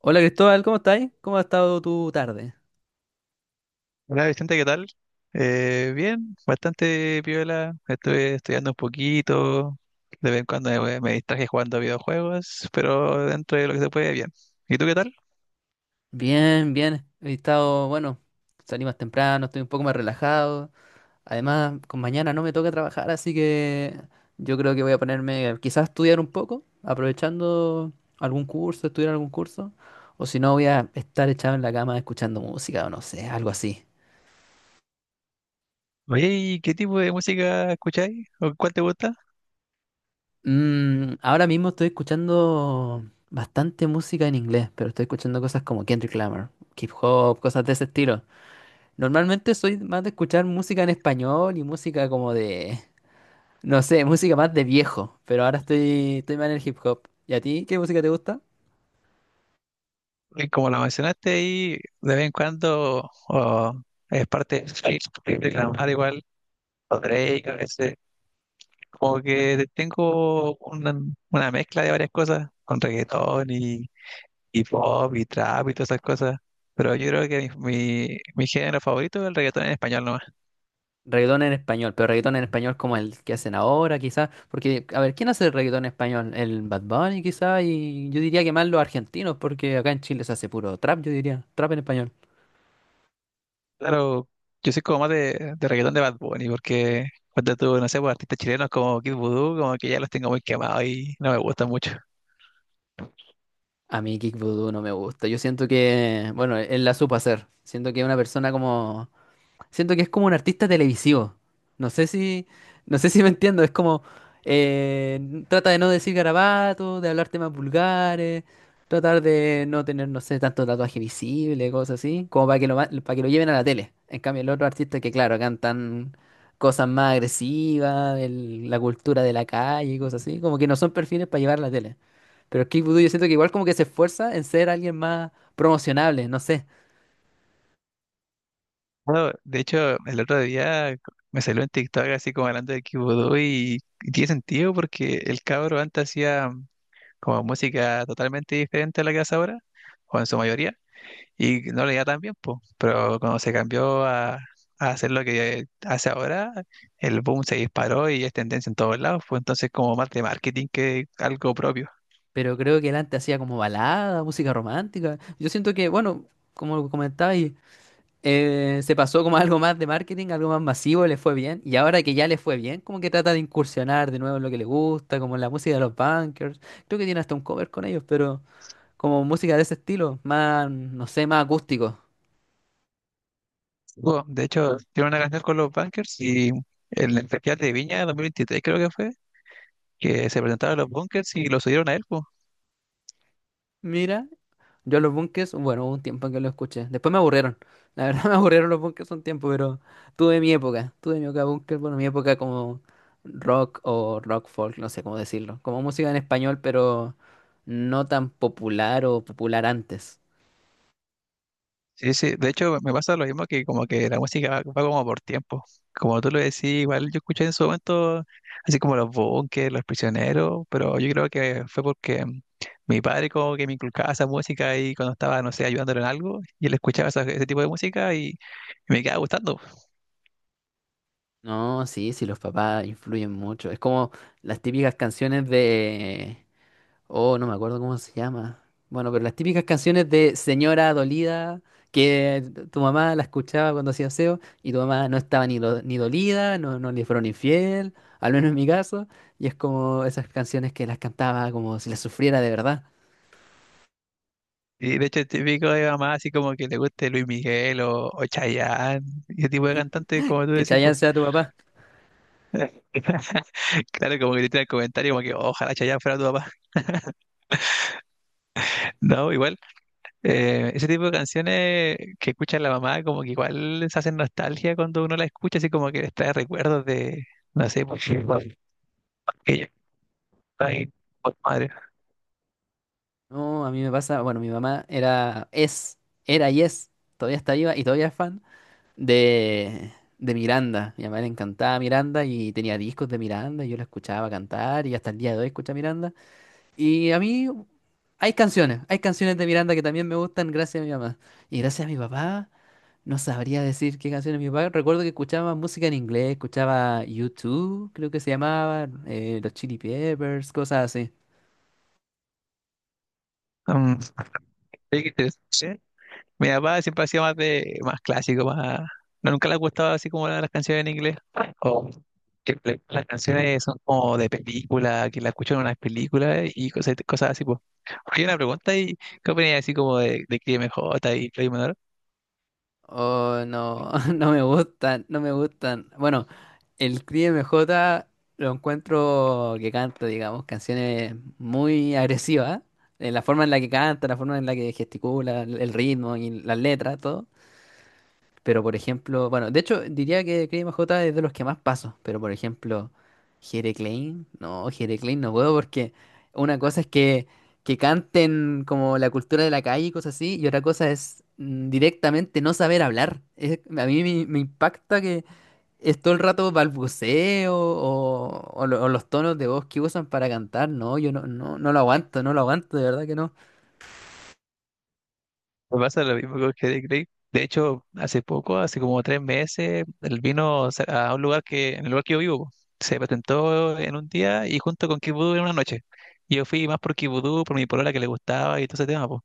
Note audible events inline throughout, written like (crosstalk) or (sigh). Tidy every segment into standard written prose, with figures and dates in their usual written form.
Hola Cristóbal, ¿cómo estáis? ¿Cómo ha estado tu tarde? Hola Vicente, ¿qué tal? Bien, bastante piola. Estuve estudiando un poquito. De vez en cuando me distraje jugando a videojuegos, pero dentro de lo que se puede, bien. ¿Y tú qué tal? Bien, bien. He estado, bueno, salí más temprano, estoy un poco más relajado. Además, con mañana no me toca trabajar, así que yo creo que voy a ponerme quizás a estudiar un poco, aprovechando algún curso, estudiar algún curso. O si no, voy a estar echado en la cama escuchando música o no sé, algo así. Oye, ¿y qué tipo de música escucháis? ¿O cuál te gusta? Ahora mismo estoy escuchando bastante música en inglés, pero estoy escuchando cosas como Kendrick Lamar, hip hop, cosas de ese estilo. Normalmente soy más de escuchar música en español y música como de, no sé, música más de viejo, pero ahora estoy más en el hip hop. ¿Y a ti qué música te gusta? Y como la mencionaste ahí, de vez en cuando o es parte de reclamar igual, o Drake a veces. Como que tengo una mezcla de varias cosas, con reggaetón, hip hop y trap y todas esas cosas. Pero yo creo que mi género favorito es el reggaetón en español nomás. Reggaetón en español, pero reggaetón en español como el que hacen ahora, quizás. Porque, a ver, ¿quién hace reggaetón en español? El Bad Bunny, quizás, y yo diría que más los argentinos, porque acá en Chile se hace puro trap, yo diría, trap en español. Claro, yo soy como más de reggaetón de Bad Bunny, porque cuando tú, no sé, pues, artistas chilenos como Kid Voodoo, como que ya los tengo muy quemados y no me gustan mucho. A mí Kick Voodoo no me gusta. Yo siento que, bueno, él la supo hacer. Siento que es una persona como siento que es como un artista televisivo. No sé si, no sé si me entiendo. Es como, trata de no decir garabatos, de hablar temas vulgares, tratar de no tener, no sé, tanto tatuaje visible, cosas así, como para que lo, para que lo lleven a la tele. En cambio, el otro artista que, claro, cantan cosas más agresivas, la cultura de la calle y cosas así, como que no son perfiles para llevar a la tele. Pero Kick Voodoo yo siento que igual como que se esfuerza en ser alguien más promocionable, no sé. Bueno, de hecho, el otro día me salió en TikTok así como hablando de Kid Voodoo y tiene sentido porque el cabro antes hacía como música totalmente diferente a la que hace ahora, o en su mayoría. Y no le iba tan bien, po. Pero cuando se cambió a hacer lo que hace ahora, el boom se disparó y es tendencia en todos lados, pues entonces como más de marketing que algo propio. Pero creo que él antes hacía como balada, música romántica. Yo siento que, bueno, como comentabais, se pasó como (laughs) a algo más de marketing, algo más masivo, le fue bien. Y ahora que ya le fue bien, como que trata de incursionar de nuevo en lo que le gusta, como en la música de los Bunkers. Creo que tiene hasta un cover con ellos, pero como música de ese estilo, más, no sé, más acústico. Bueno, de hecho, tiene una canción con los Bunkers y en el festival de Viña 2023 creo que fue, que se presentaron los Bunkers y lo subieron a él, po. Mira. Yo los bunkers, bueno, hubo un tiempo en que los escuché. Después me aburrieron. La verdad (laughs) me aburrieron los bunkers un tiempo, pero tuve mi época. Tuve mi época bunker, bueno, mi época como rock o rock folk, no sé cómo decirlo. Como música en español, pero no tan popular o popular antes. Sí, sí, de hecho me pasa lo mismo que como que la música va como por tiempo. Como tú lo decís, igual yo escuché en su momento así como los bunkers, los prisioneros, pero yo creo que fue porque mi padre como que me inculcaba esa música y cuando estaba, no sé, ayudándolo en algo, y él escuchaba ese tipo de música y me quedaba gustando. No, sí, sí, los papás influyen mucho. Es como las típicas canciones de oh, no me acuerdo cómo se llama. Bueno, pero las típicas canciones de señora dolida, que tu mamá la escuchaba cuando hacía aseo y tu mamá no estaba ni, ni dolida, no, no le fueron infiel, al menos en mi caso. Y es como esas canciones que las cantaba como si las sufriera de verdad. Y de hecho es típico de mamá así como que le guste Luis Miguel o Chayanne, y ese tipo de cantantes como tú Que decís, Chayanne pues. sea tu papá. (laughs) Claro, como que te tiran el comentario como que ojalá Chayanne fuera tu papá. (laughs) No, igual. Ese tipo de canciones que escucha la mamá, como que igual se hacen nostalgia cuando uno la escucha, así como que les trae recuerdos de, no sé, pues, que ella está ahí, por madre. No, a mí me pasa, bueno, mi mamá era y es, todavía está viva y todavía es fan de, de Miranda. Mi mamá le encantaba Miranda y tenía discos de Miranda y yo la escuchaba cantar y hasta el día de hoy escucha Miranda. Y a mí hay canciones de Miranda que también me gustan gracias a mi mamá. Y gracias a mi papá, no sabría decir qué canciones mi papá. Recuerdo que escuchaba música en inglés, escuchaba U2, creo que se llamaba, los Chili Peppers, cosas así. Um, Oye, qué interesante. Mi papá siempre ha sido más de, más clásico, más, no, nunca le ha gustado así como las canciones en inglés. O que las canciones son como de película, que la escuchan en unas películas y cosas, cosas así, pues. Hay una pregunta y ¿qué opinas así como de Cris MJ y Play Manor? Oh, no, (laughs) no me gustan, no me gustan. Bueno, el Cri M J lo encuentro que canta, digamos, canciones muy agresivas. La forma en la que canta, la forma en la que gesticula, el ritmo y las letras, todo. Pero por ejemplo, bueno, de hecho diría que Cream J es de los que más paso, pero por ejemplo, Jere Klein no puedo porque una cosa es que canten como la cultura de la calle y cosas así, y otra cosa es directamente no saber hablar. A mí me impacta que es todo el rato balbuceo o, o los tonos de voz que usan para cantar, no, yo no, no, no lo aguanto, no lo aguanto, de verdad que no. Me pasa lo mismo con Headache Lake. De hecho, hace poco, hace como 3 meses, él vino a un lugar que, en el lugar que yo vivo, se presentó en 1 día y junto con Kid en 1 noche. Yo fui más por Kid por mi polola que le gustaba y todo ese tema, po.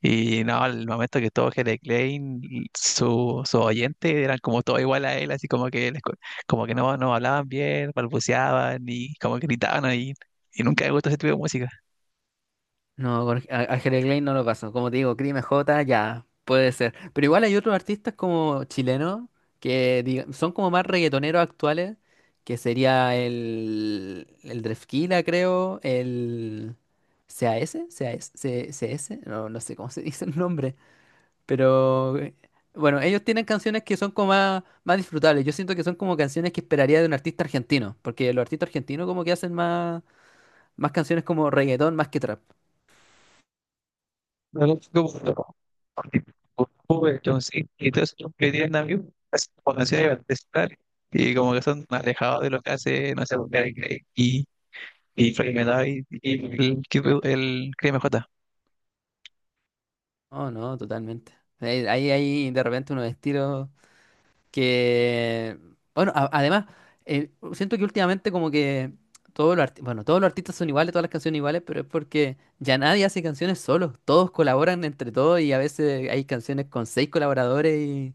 Y no, al momento que todo Headache Lake, su oyente eran como todo igual a él, así como que como que no, no hablaban bien, balbuceaban y como que gritaban ahí. Y nunca me gustó ese tipo de música. No, Ángel Klein no lo pasó. Como te digo, Crime J, ya, puede ser. Pero igual hay otros artistas como chilenos que son como más reggaetoneros actuales, que sería el Drefquila, creo, el C A S, A S, CS, no, no sé cómo se (laughs) dice el nombre. Pero bueno, ellos tienen canciones que son como más, más disfrutables. Yo siento que son como canciones que esperaría de un artista argentino, porque los artistas argentinos como que hacen más, más canciones como reggaetón más que trap. No, no, tipo de John Cena y todos esos que tienen amigos, así como canciones de estar y como que son alejados de lo que hace, no sé, Gary Craig y Frank Miller y el Crime J. No, no, totalmente. Ahí hay de repente unos estilos que, bueno, además, siento que últimamente como que todos los bueno, todos los artistas son iguales, todas las canciones iguales, pero es porque ya nadie hace canciones solo, todos colaboran entre todos y a veces hay canciones con seis colaboradores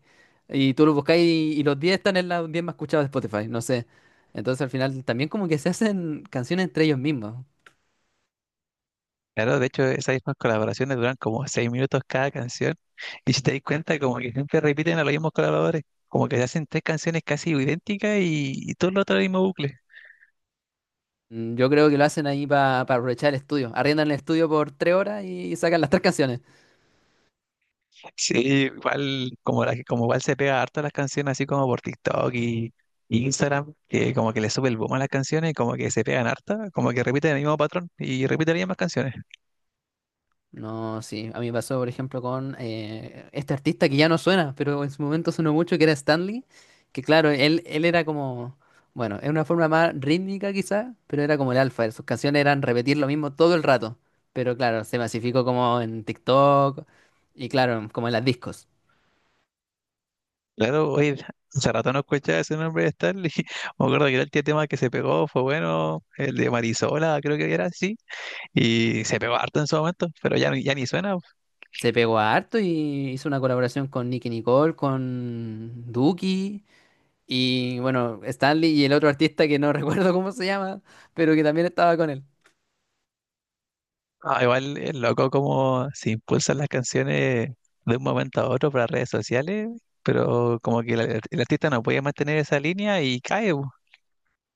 y tú los buscas y los diez están en los diez más escuchados de Spotify, no sé. Entonces al final también como que se hacen canciones entre ellos mismos. Claro, de hecho, esas mismas colaboraciones duran como 6 minutos cada canción. Y si te das cuenta, como que siempre repiten a los mismos colaboradores, como que se hacen 3 canciones casi idénticas y todo lo otro el mismo bucle. Yo creo que lo hacen ahí para aprovechar el estudio. Arriendan el estudio por tres horas y sacan las tres canciones. Sí, igual, como, la, como igual se pega harto las canciones así como por TikTok y Instagram, que como que le sube el boom a las canciones y como que se pegan harta, como que repiten el mismo patrón y repiten las mismas canciones. No, sí. A mí me pasó, por ejemplo, con este artista que ya no suena, pero en su momento sonó mucho, que era Stanley. Que claro, él era como, bueno, en una forma más rítmica quizá, pero era como el alfa. Sus canciones eran repetir lo mismo todo el rato. Pero claro, se masificó como en TikTok y claro, como en las discos. Claro, oye, (laughs) hace rato no escuchaba ese nombre de Stanley. (laughs) Me acuerdo que era el último tema que se pegó fue bueno, el de Marisola, creo que era así, y se pegó harto en su momento, pero ya, ya ni suena. Se pegó a harto y hizo una colaboración con Nicki Nicole, con Duki. Y bueno, Stanley y el otro artista que no (laughs) recuerdo cómo se llama, pero que también estaba con él. Ah, igual es loco como se impulsan las canciones de un momento a otro para redes sociales, pero como que el artista no puede mantener esa línea y cae. Bu.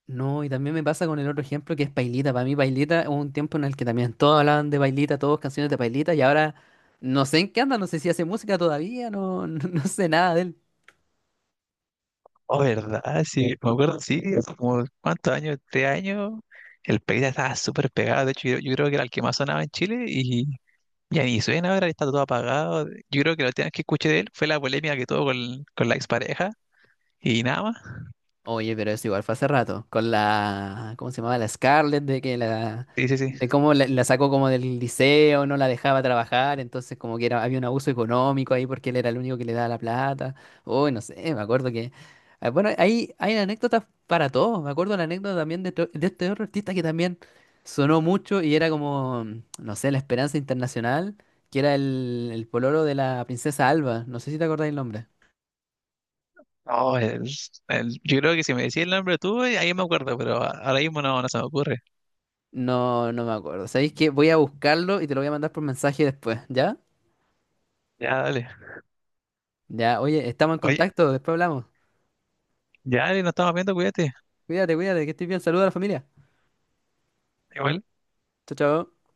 No, y también me pasa con el otro ejemplo que es Pailita. Para mí, Pailita hubo un tiempo en el que también todos hablaban de Pailita, todos canciones de Pailita, y ahora no sé en qué anda, no sé si hace música todavía, no, (laughs) no, no sé nada de él. Oh, ¿verdad? Sí, me acuerdo, sí, hace como cuántos años, 3 años, el Peita estaba súper pegado. De hecho, yo creo que era el que más sonaba en Chile y ya ni suena ahora, está todo apagado. Yo creo que lo última vez que escuché de él fue la polémica que tuvo con la expareja y nada más. Oye, pero eso igual fue hace rato, con la, ¿cómo se llamaba? La Scarlett, de que la, Sí, sí, sí. de cómo la, la sacó como del liceo, no la dejaba trabajar, entonces como que era, había un abuso económico ahí porque él era el único que le daba la plata. Uy, no sé, me acuerdo que, ah, bueno, hay anécdotas para todo, me acuerdo la anécdota también de, de este otro artista que también sonó mucho y era como, no sé, la Esperanza Internacional, que era el pololo de la princesa Alba, no sé si te acordáis el nombre. No, yo creo que si me decís el nombre tú, ahí me acuerdo, pero ahora mismo no, no se me ocurre. No, no me acuerdo. ¿Sabéis qué? Voy a buscarlo y te lo voy a mandar por mensaje después, ¿ya? Ya, dale. Ya, oye, estamos en Oye, contacto, después hablamos. ya, dale, nos estamos viendo, cuídate. Cuídate, cuídate, que estés bien. Saluda a la familia. Igual. Chao, chao.